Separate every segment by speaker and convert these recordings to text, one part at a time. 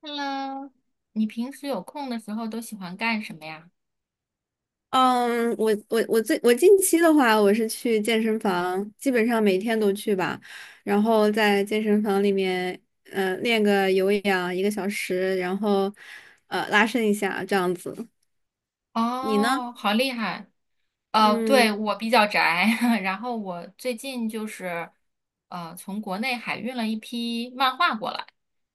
Speaker 1: Hello，你平时有空的时候都喜欢干什么呀？
Speaker 2: 嗯，我近期的话，我是去健身房，基本上每天都去吧，然后在健身房里面，练个有氧一个小时，然后拉伸一下这样子。你呢？
Speaker 1: 哦，好厉害！
Speaker 2: 嗯，
Speaker 1: 对，我比较宅，然后我最近就是从国内海运了一批漫画过来，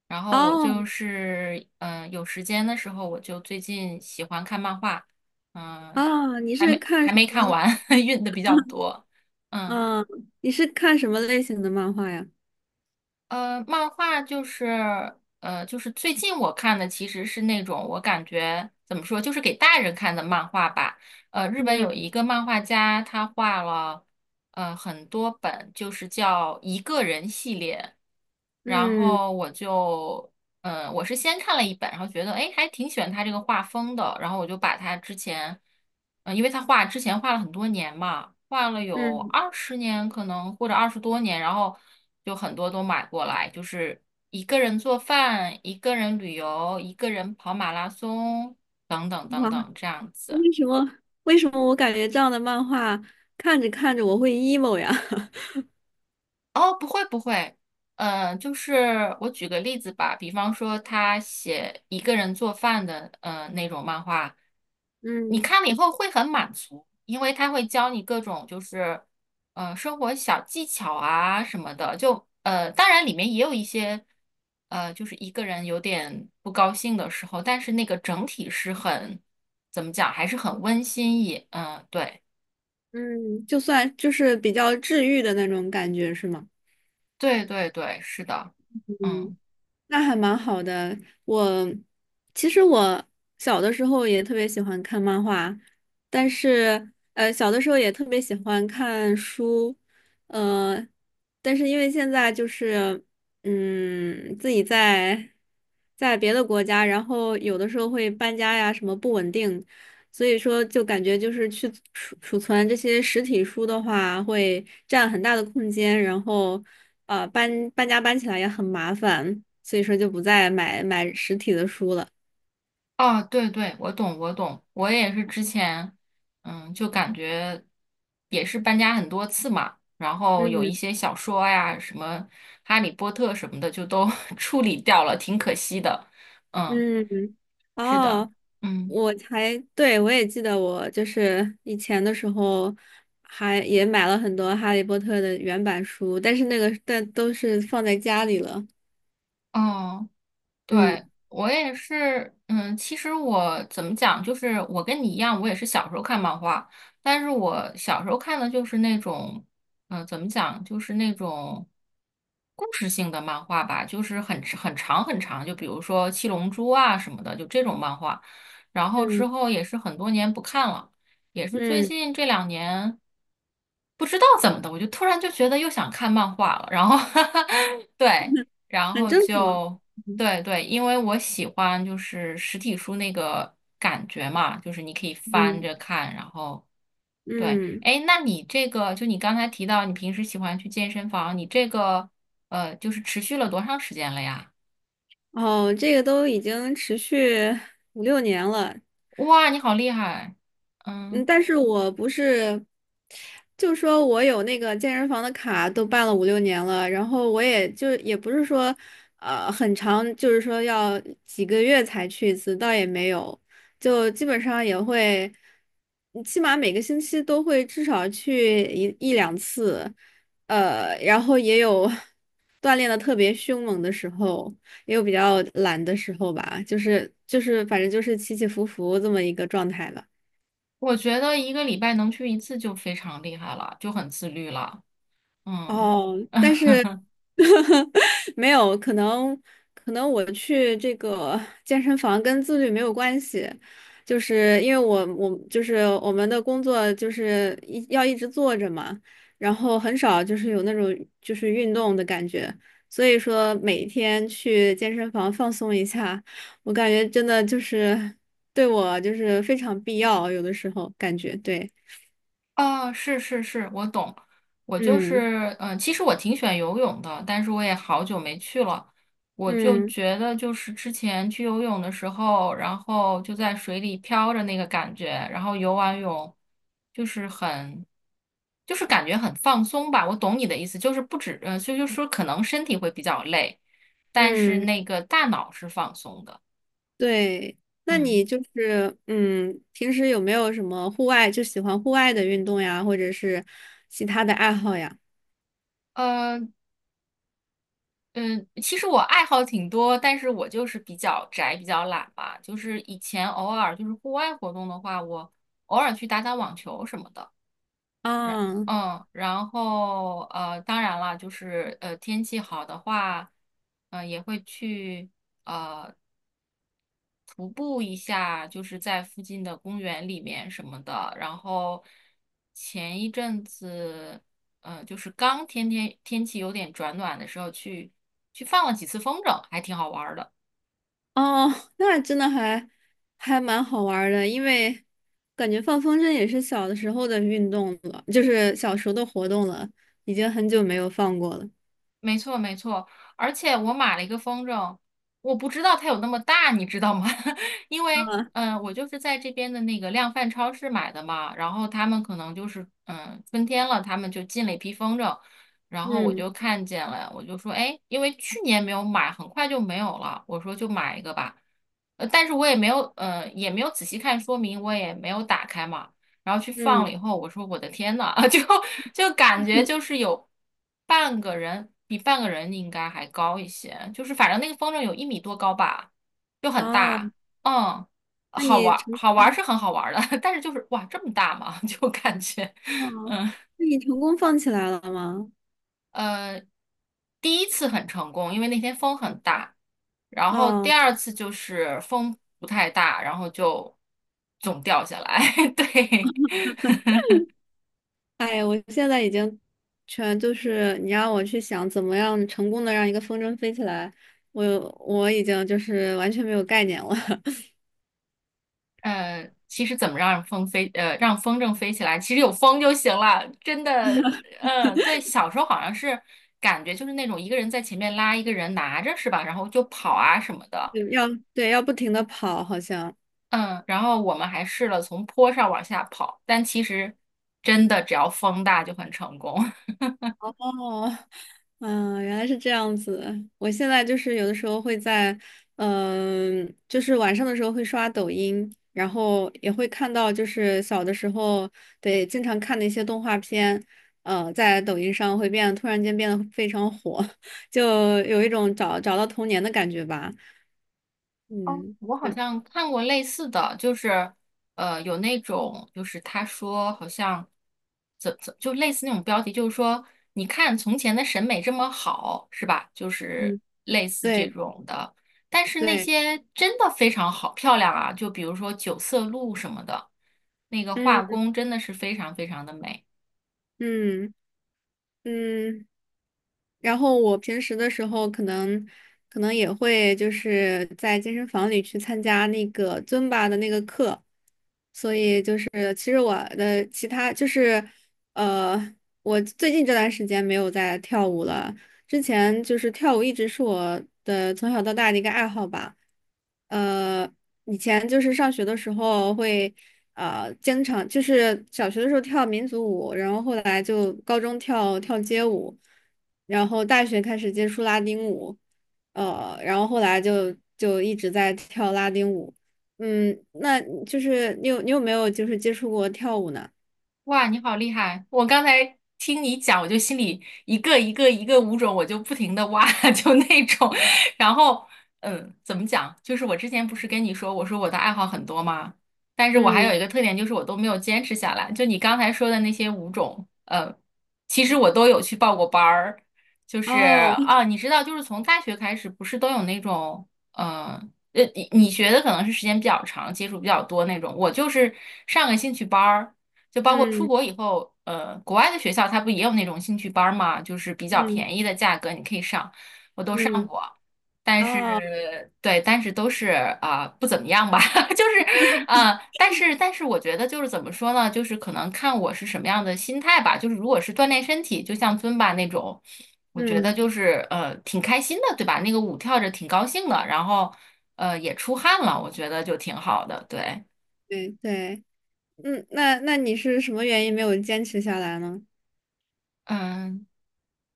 Speaker 1: 然后我
Speaker 2: 哦，
Speaker 1: 就是有时间的时候，我就最近喜欢看漫画。嗯、
Speaker 2: 哦，你
Speaker 1: 还
Speaker 2: 是
Speaker 1: 没
Speaker 2: 看
Speaker 1: 还
Speaker 2: 什
Speaker 1: 没看
Speaker 2: 么？
Speaker 1: 完，运的比较 多。嗯。
Speaker 2: 嗯，你是看什么类型的漫画呀？
Speaker 1: 漫画就是就是最近我看的其实是那种，我感觉怎么说，就是给大人看的漫画吧。呃，日本有
Speaker 2: 嗯
Speaker 1: 一个漫画家，他画了很多本，就是叫一个人系列。然
Speaker 2: 嗯
Speaker 1: 后我就我是先看了一本，然后觉得哎，诶还挺喜欢他这个画风的，然后我就把他之前，嗯，因为他画之前画了很多年嘛，画了有
Speaker 2: 嗯，
Speaker 1: 20年可能或者20多年，然后就很多都买过来，就是一个人做饭，一个人旅游，一个人跑马拉松等等等
Speaker 2: 哇，
Speaker 1: 等这样子。
Speaker 2: 为什么我感觉这样的漫画看着看着我会 emo 呀？
Speaker 1: 哦，不会不会。就是我举个例子吧，比方说他写一个人做饭的那种漫画，你
Speaker 2: 嗯
Speaker 1: 看了以后会很满足，因为他会教你各种就是生活小技巧啊什么的。就当然里面也有一些就是一个人有点不高兴的时候，但是那个整体是很怎么讲，还是很温馨也对。
Speaker 2: 嗯，就算就是比较治愈的那种感觉，是吗？
Speaker 1: 对对对，是的，
Speaker 2: 嗯，
Speaker 1: 嗯。
Speaker 2: 那还蛮好的。我其实我小的时候也特别喜欢看漫画，但是小的时候也特别喜欢看书，呃，但是因为现在就是嗯，自己在别的国家，然后有的时候会搬家呀，什么不稳定，所以说就感觉就是去储存这些实体书的话，会占很大的空间，然后。呃，搬家搬起来也很麻烦，所以说就不再买实体的书了。
Speaker 1: 哦，对对，我懂，我懂，我也是之前，嗯，就感觉也是搬家很多次嘛，然后有一
Speaker 2: 嗯
Speaker 1: 些小说呀，什么《哈利波特》什么的，就都 处理掉了，挺可惜的。嗯，
Speaker 2: 嗯，
Speaker 1: 是的，
Speaker 2: 哦，
Speaker 1: 嗯，
Speaker 2: 我还，对，我也记得我就是以前的时候还也买了很多《哈利波特》的原版书，但是那个但都是放在家里了。
Speaker 1: 哦。对，
Speaker 2: 嗯
Speaker 1: 我也是，嗯，其实我怎么讲，就是我跟你一样，我也是小时候看漫画，但是我小时候看的就是那种，怎么讲，就是那种故事性的漫画吧，就是很长很长，就比如说《七龙珠》啊什么的，就这种漫画。然后之
Speaker 2: 嗯
Speaker 1: 后也是很多年不看了，也是最
Speaker 2: 嗯，
Speaker 1: 近这两年。不知道怎么的，我就突然就觉得又想看漫画了，然后 对，然
Speaker 2: 很
Speaker 1: 后
Speaker 2: 正常。
Speaker 1: 就
Speaker 2: 嗯
Speaker 1: 对对，因为我喜欢就是实体书那个感觉嘛，就是你可以翻
Speaker 2: 嗯
Speaker 1: 着看，然后对。
Speaker 2: 嗯，
Speaker 1: 哎，那你这个，就你刚才提到你平时喜欢去健身房，你这个就是持续了多长时间了呀？
Speaker 2: 哦，这个都已经持续五六年了。
Speaker 1: 哇，你好厉害，
Speaker 2: 嗯，
Speaker 1: 嗯，
Speaker 2: 但是我不是，就说我有那个健身房的卡，都办了五六年了，然后我也就也不是说，呃，很长，就是说要几个月才去一次，倒也没有，就基本上也会，嗯起码每个星期都会至少去一两次，然后也有 锻炼的特别凶猛的时候，也有比较懒的时候吧，就是反正就是起起伏伏这么一个状态吧。
Speaker 1: 我觉得一个礼拜能去一次就非常厉害了，就很自律了，嗯。
Speaker 2: 哦，但是 没有，可能我去这个 健身房跟自律没有关系，就是因为我就是我们的工作就是要一直坐着嘛，然后很少就是有那种就是运动的感觉，所以说每天去健身房放松一下，我感觉真的就是对我就是非常必要，有的时候感觉对，
Speaker 1: 啊，是是是，我懂。我就
Speaker 2: 嗯
Speaker 1: 是，嗯，其实我挺喜欢游泳的，但是我也好久没去了。我就
Speaker 2: 嗯
Speaker 1: 觉得，就是之前去游泳的时候，然后就在水里飘着那个感觉，然后游完泳就是很，就是感觉很放松吧。我懂你的意思，就是不止，呃，就就是说可能身体会比较累，但是
Speaker 2: 嗯。
Speaker 1: 那个大脑是放松的。
Speaker 2: 对，那
Speaker 1: 嗯。
Speaker 2: 你就是嗯，平时有没有什么户外就喜欢户外的运动呀，或者是其他的爱好呀？
Speaker 1: 嗯，其实我爱好挺多，但是我就是比较宅，比较懒吧。就是以前偶尔就是户外活动的话，我偶尔去打打网球什么的。然
Speaker 2: 啊，
Speaker 1: 嗯，然后当然了，就是天气好的话，也会去呃徒步一下，就是在附近的公园里面什么的。然后前一阵子，就是刚天气有点转暖的时候，去去放了几次风筝，还挺好玩儿的。
Speaker 2: 哦，那真的还还蛮好玩儿的，因为感觉放风筝也是小的时候的运动了，就是小时候的活动了，已经很久没有放过了。
Speaker 1: 没错，没错，而且我买了一个风筝，我不知道它有那么大，你知道吗？因为，
Speaker 2: 啊，
Speaker 1: 我就是在这边的那个量贩超市买的嘛，然后他们可能就是，春天了，他们就进了一批风筝，然后我
Speaker 2: 嗯
Speaker 1: 就看见了，我就说，哎，因为去年没有买，很快就没有了，我说就买一个吧。但是我也没有，也没有仔细看说明，我也没有打开嘛。然后去放
Speaker 2: 嗯，
Speaker 1: 了以后，我说我的天呐，就感觉 就是有半个人，比半个人应该还高一些，就是反正那个风筝有1米多高吧，就很
Speaker 2: 哦，
Speaker 1: 大，嗯。
Speaker 2: 那
Speaker 1: 好玩
Speaker 2: 你
Speaker 1: 儿，
Speaker 2: 成
Speaker 1: 好玩儿
Speaker 2: 功，
Speaker 1: 是很好玩儿的，但是就是哇这么大嘛，就感觉，
Speaker 2: 哦，
Speaker 1: 嗯
Speaker 2: 那你成功放起来了吗？
Speaker 1: 呃，第一次很成功，因为那天风很大，然后第
Speaker 2: 哦。
Speaker 1: 二次就是风不太大，然后就总掉下来，对。
Speaker 2: 哎呀，我现在已经全就是你让我去想怎么样成功的让一个风筝飞起来，我我已经就是完全没有概念了，
Speaker 1: 其实怎么让风飞，让风筝飞起来，其实有风就行了，真的。嗯，对，小时候好像是感觉就是那种一个人在前面拉，一个人拿着，是吧？然后就跑啊什么的。
Speaker 2: 要对要不停的跑，好像。
Speaker 1: 嗯，然后我们还试了从坡上往下跑，但其实真的只要风大就很成功。
Speaker 2: 哦，嗯，原来是这样子。我现在就是有的时候会在，嗯、就是晚上的时候会刷抖音，然后也会看到，就是小的时候对经常看的一些动画片，呃，在抖音上会变，突然间变得非常火，就有一种找到童年的感觉吧。
Speaker 1: 哦，
Speaker 2: 嗯，
Speaker 1: 我好
Speaker 2: 嗯
Speaker 1: 像看过类似的，就是有那种就是他说好像就类似那种标题，就是说你看从前的审美这么好，是吧？就是
Speaker 2: 嗯，
Speaker 1: 类似这
Speaker 2: 对
Speaker 1: 种的，但是那
Speaker 2: 对，
Speaker 1: 些真的非常好漂亮啊，就比如说九色鹿什么的，那个画
Speaker 2: 嗯
Speaker 1: 工真的是非常非常的美。
Speaker 2: 嗯嗯。然后我平时的时候，可能也会就是在健身房里去参加那个尊巴的那个课，所以就是其实我的其他就是呃，我最近这段时间没有在跳舞了，之前就是跳舞一直是我的从小到大的一个爱好吧。呃，以前就是上学的时候会，啊，经常就是小学的时候跳民族舞，然后后来就高中跳街舞，然后大学开始接触拉丁舞，呃，然后后来就一直在跳拉丁舞。嗯，那就是你有没有就是接触过跳舞呢？
Speaker 1: 哇，你好厉害！我刚才听你讲，我就心里一个舞种，我就不停的挖，就那种。然后，嗯，怎么讲？就是我之前不是跟你说，我说我的爱好很多吗？但是我还有
Speaker 2: 嗯，
Speaker 1: 一个特点，就是我都没有坚持下来。就你刚才说的那些舞种，其实我都有去报过班儿。就是
Speaker 2: 哦，
Speaker 1: 啊，你知道，就是从大学开始，不是都有那种，呃。你你学的可能是时间比较长，接触比较多那种。我就是上个兴趣班儿，就包括出
Speaker 2: 嗯
Speaker 1: 国以后，国外的学校它不也有那种兴趣班儿嘛，就是比较
Speaker 2: 嗯
Speaker 1: 便宜的价格你可以上，我都上
Speaker 2: 嗯，
Speaker 1: 过，但
Speaker 2: 哦，
Speaker 1: 是对，但是都是不怎么样吧，就是但是我觉得就是怎么说呢，就是可能看我是什么样的心态吧，就是如果是锻炼身体，就像尊巴那种，我觉得
Speaker 2: 嗯。
Speaker 1: 就是挺开心的，对吧？那个舞跳着挺高兴的，然后也出汗了，我觉得就挺好的，对。
Speaker 2: 对对，嗯，那那你是什么原因没有坚持下来呢？
Speaker 1: 嗯，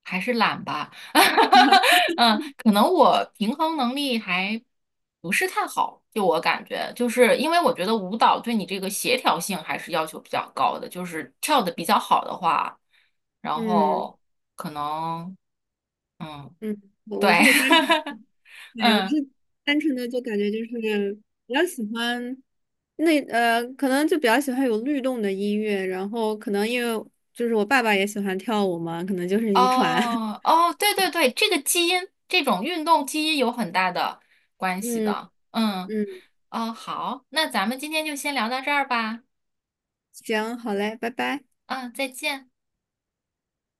Speaker 1: 还是懒吧，嗯，可能我平衡能力还不是太好，就我感觉，就是因为我觉得舞蹈对你这个协调性还是要求比较高的，就是跳的比较好的话，然
Speaker 2: 嗯
Speaker 1: 后可能，嗯，
Speaker 2: 嗯，我
Speaker 1: 对，
Speaker 2: 是单纯的，对，我
Speaker 1: 嗯。
Speaker 2: 是单纯的就感觉就是比较喜欢那可能就比较喜欢有律动的音乐，然后可能因为就是我爸爸也喜欢跳舞嘛，可能就是遗传。
Speaker 1: 哦，哦，对对对，这个基因，这种运动基因有很大的关系
Speaker 2: 嗯
Speaker 1: 的，嗯。
Speaker 2: 嗯，
Speaker 1: 哦，好，那咱们今天就先聊到这儿吧，
Speaker 2: 行，好嘞，拜拜。
Speaker 1: 嗯，再见。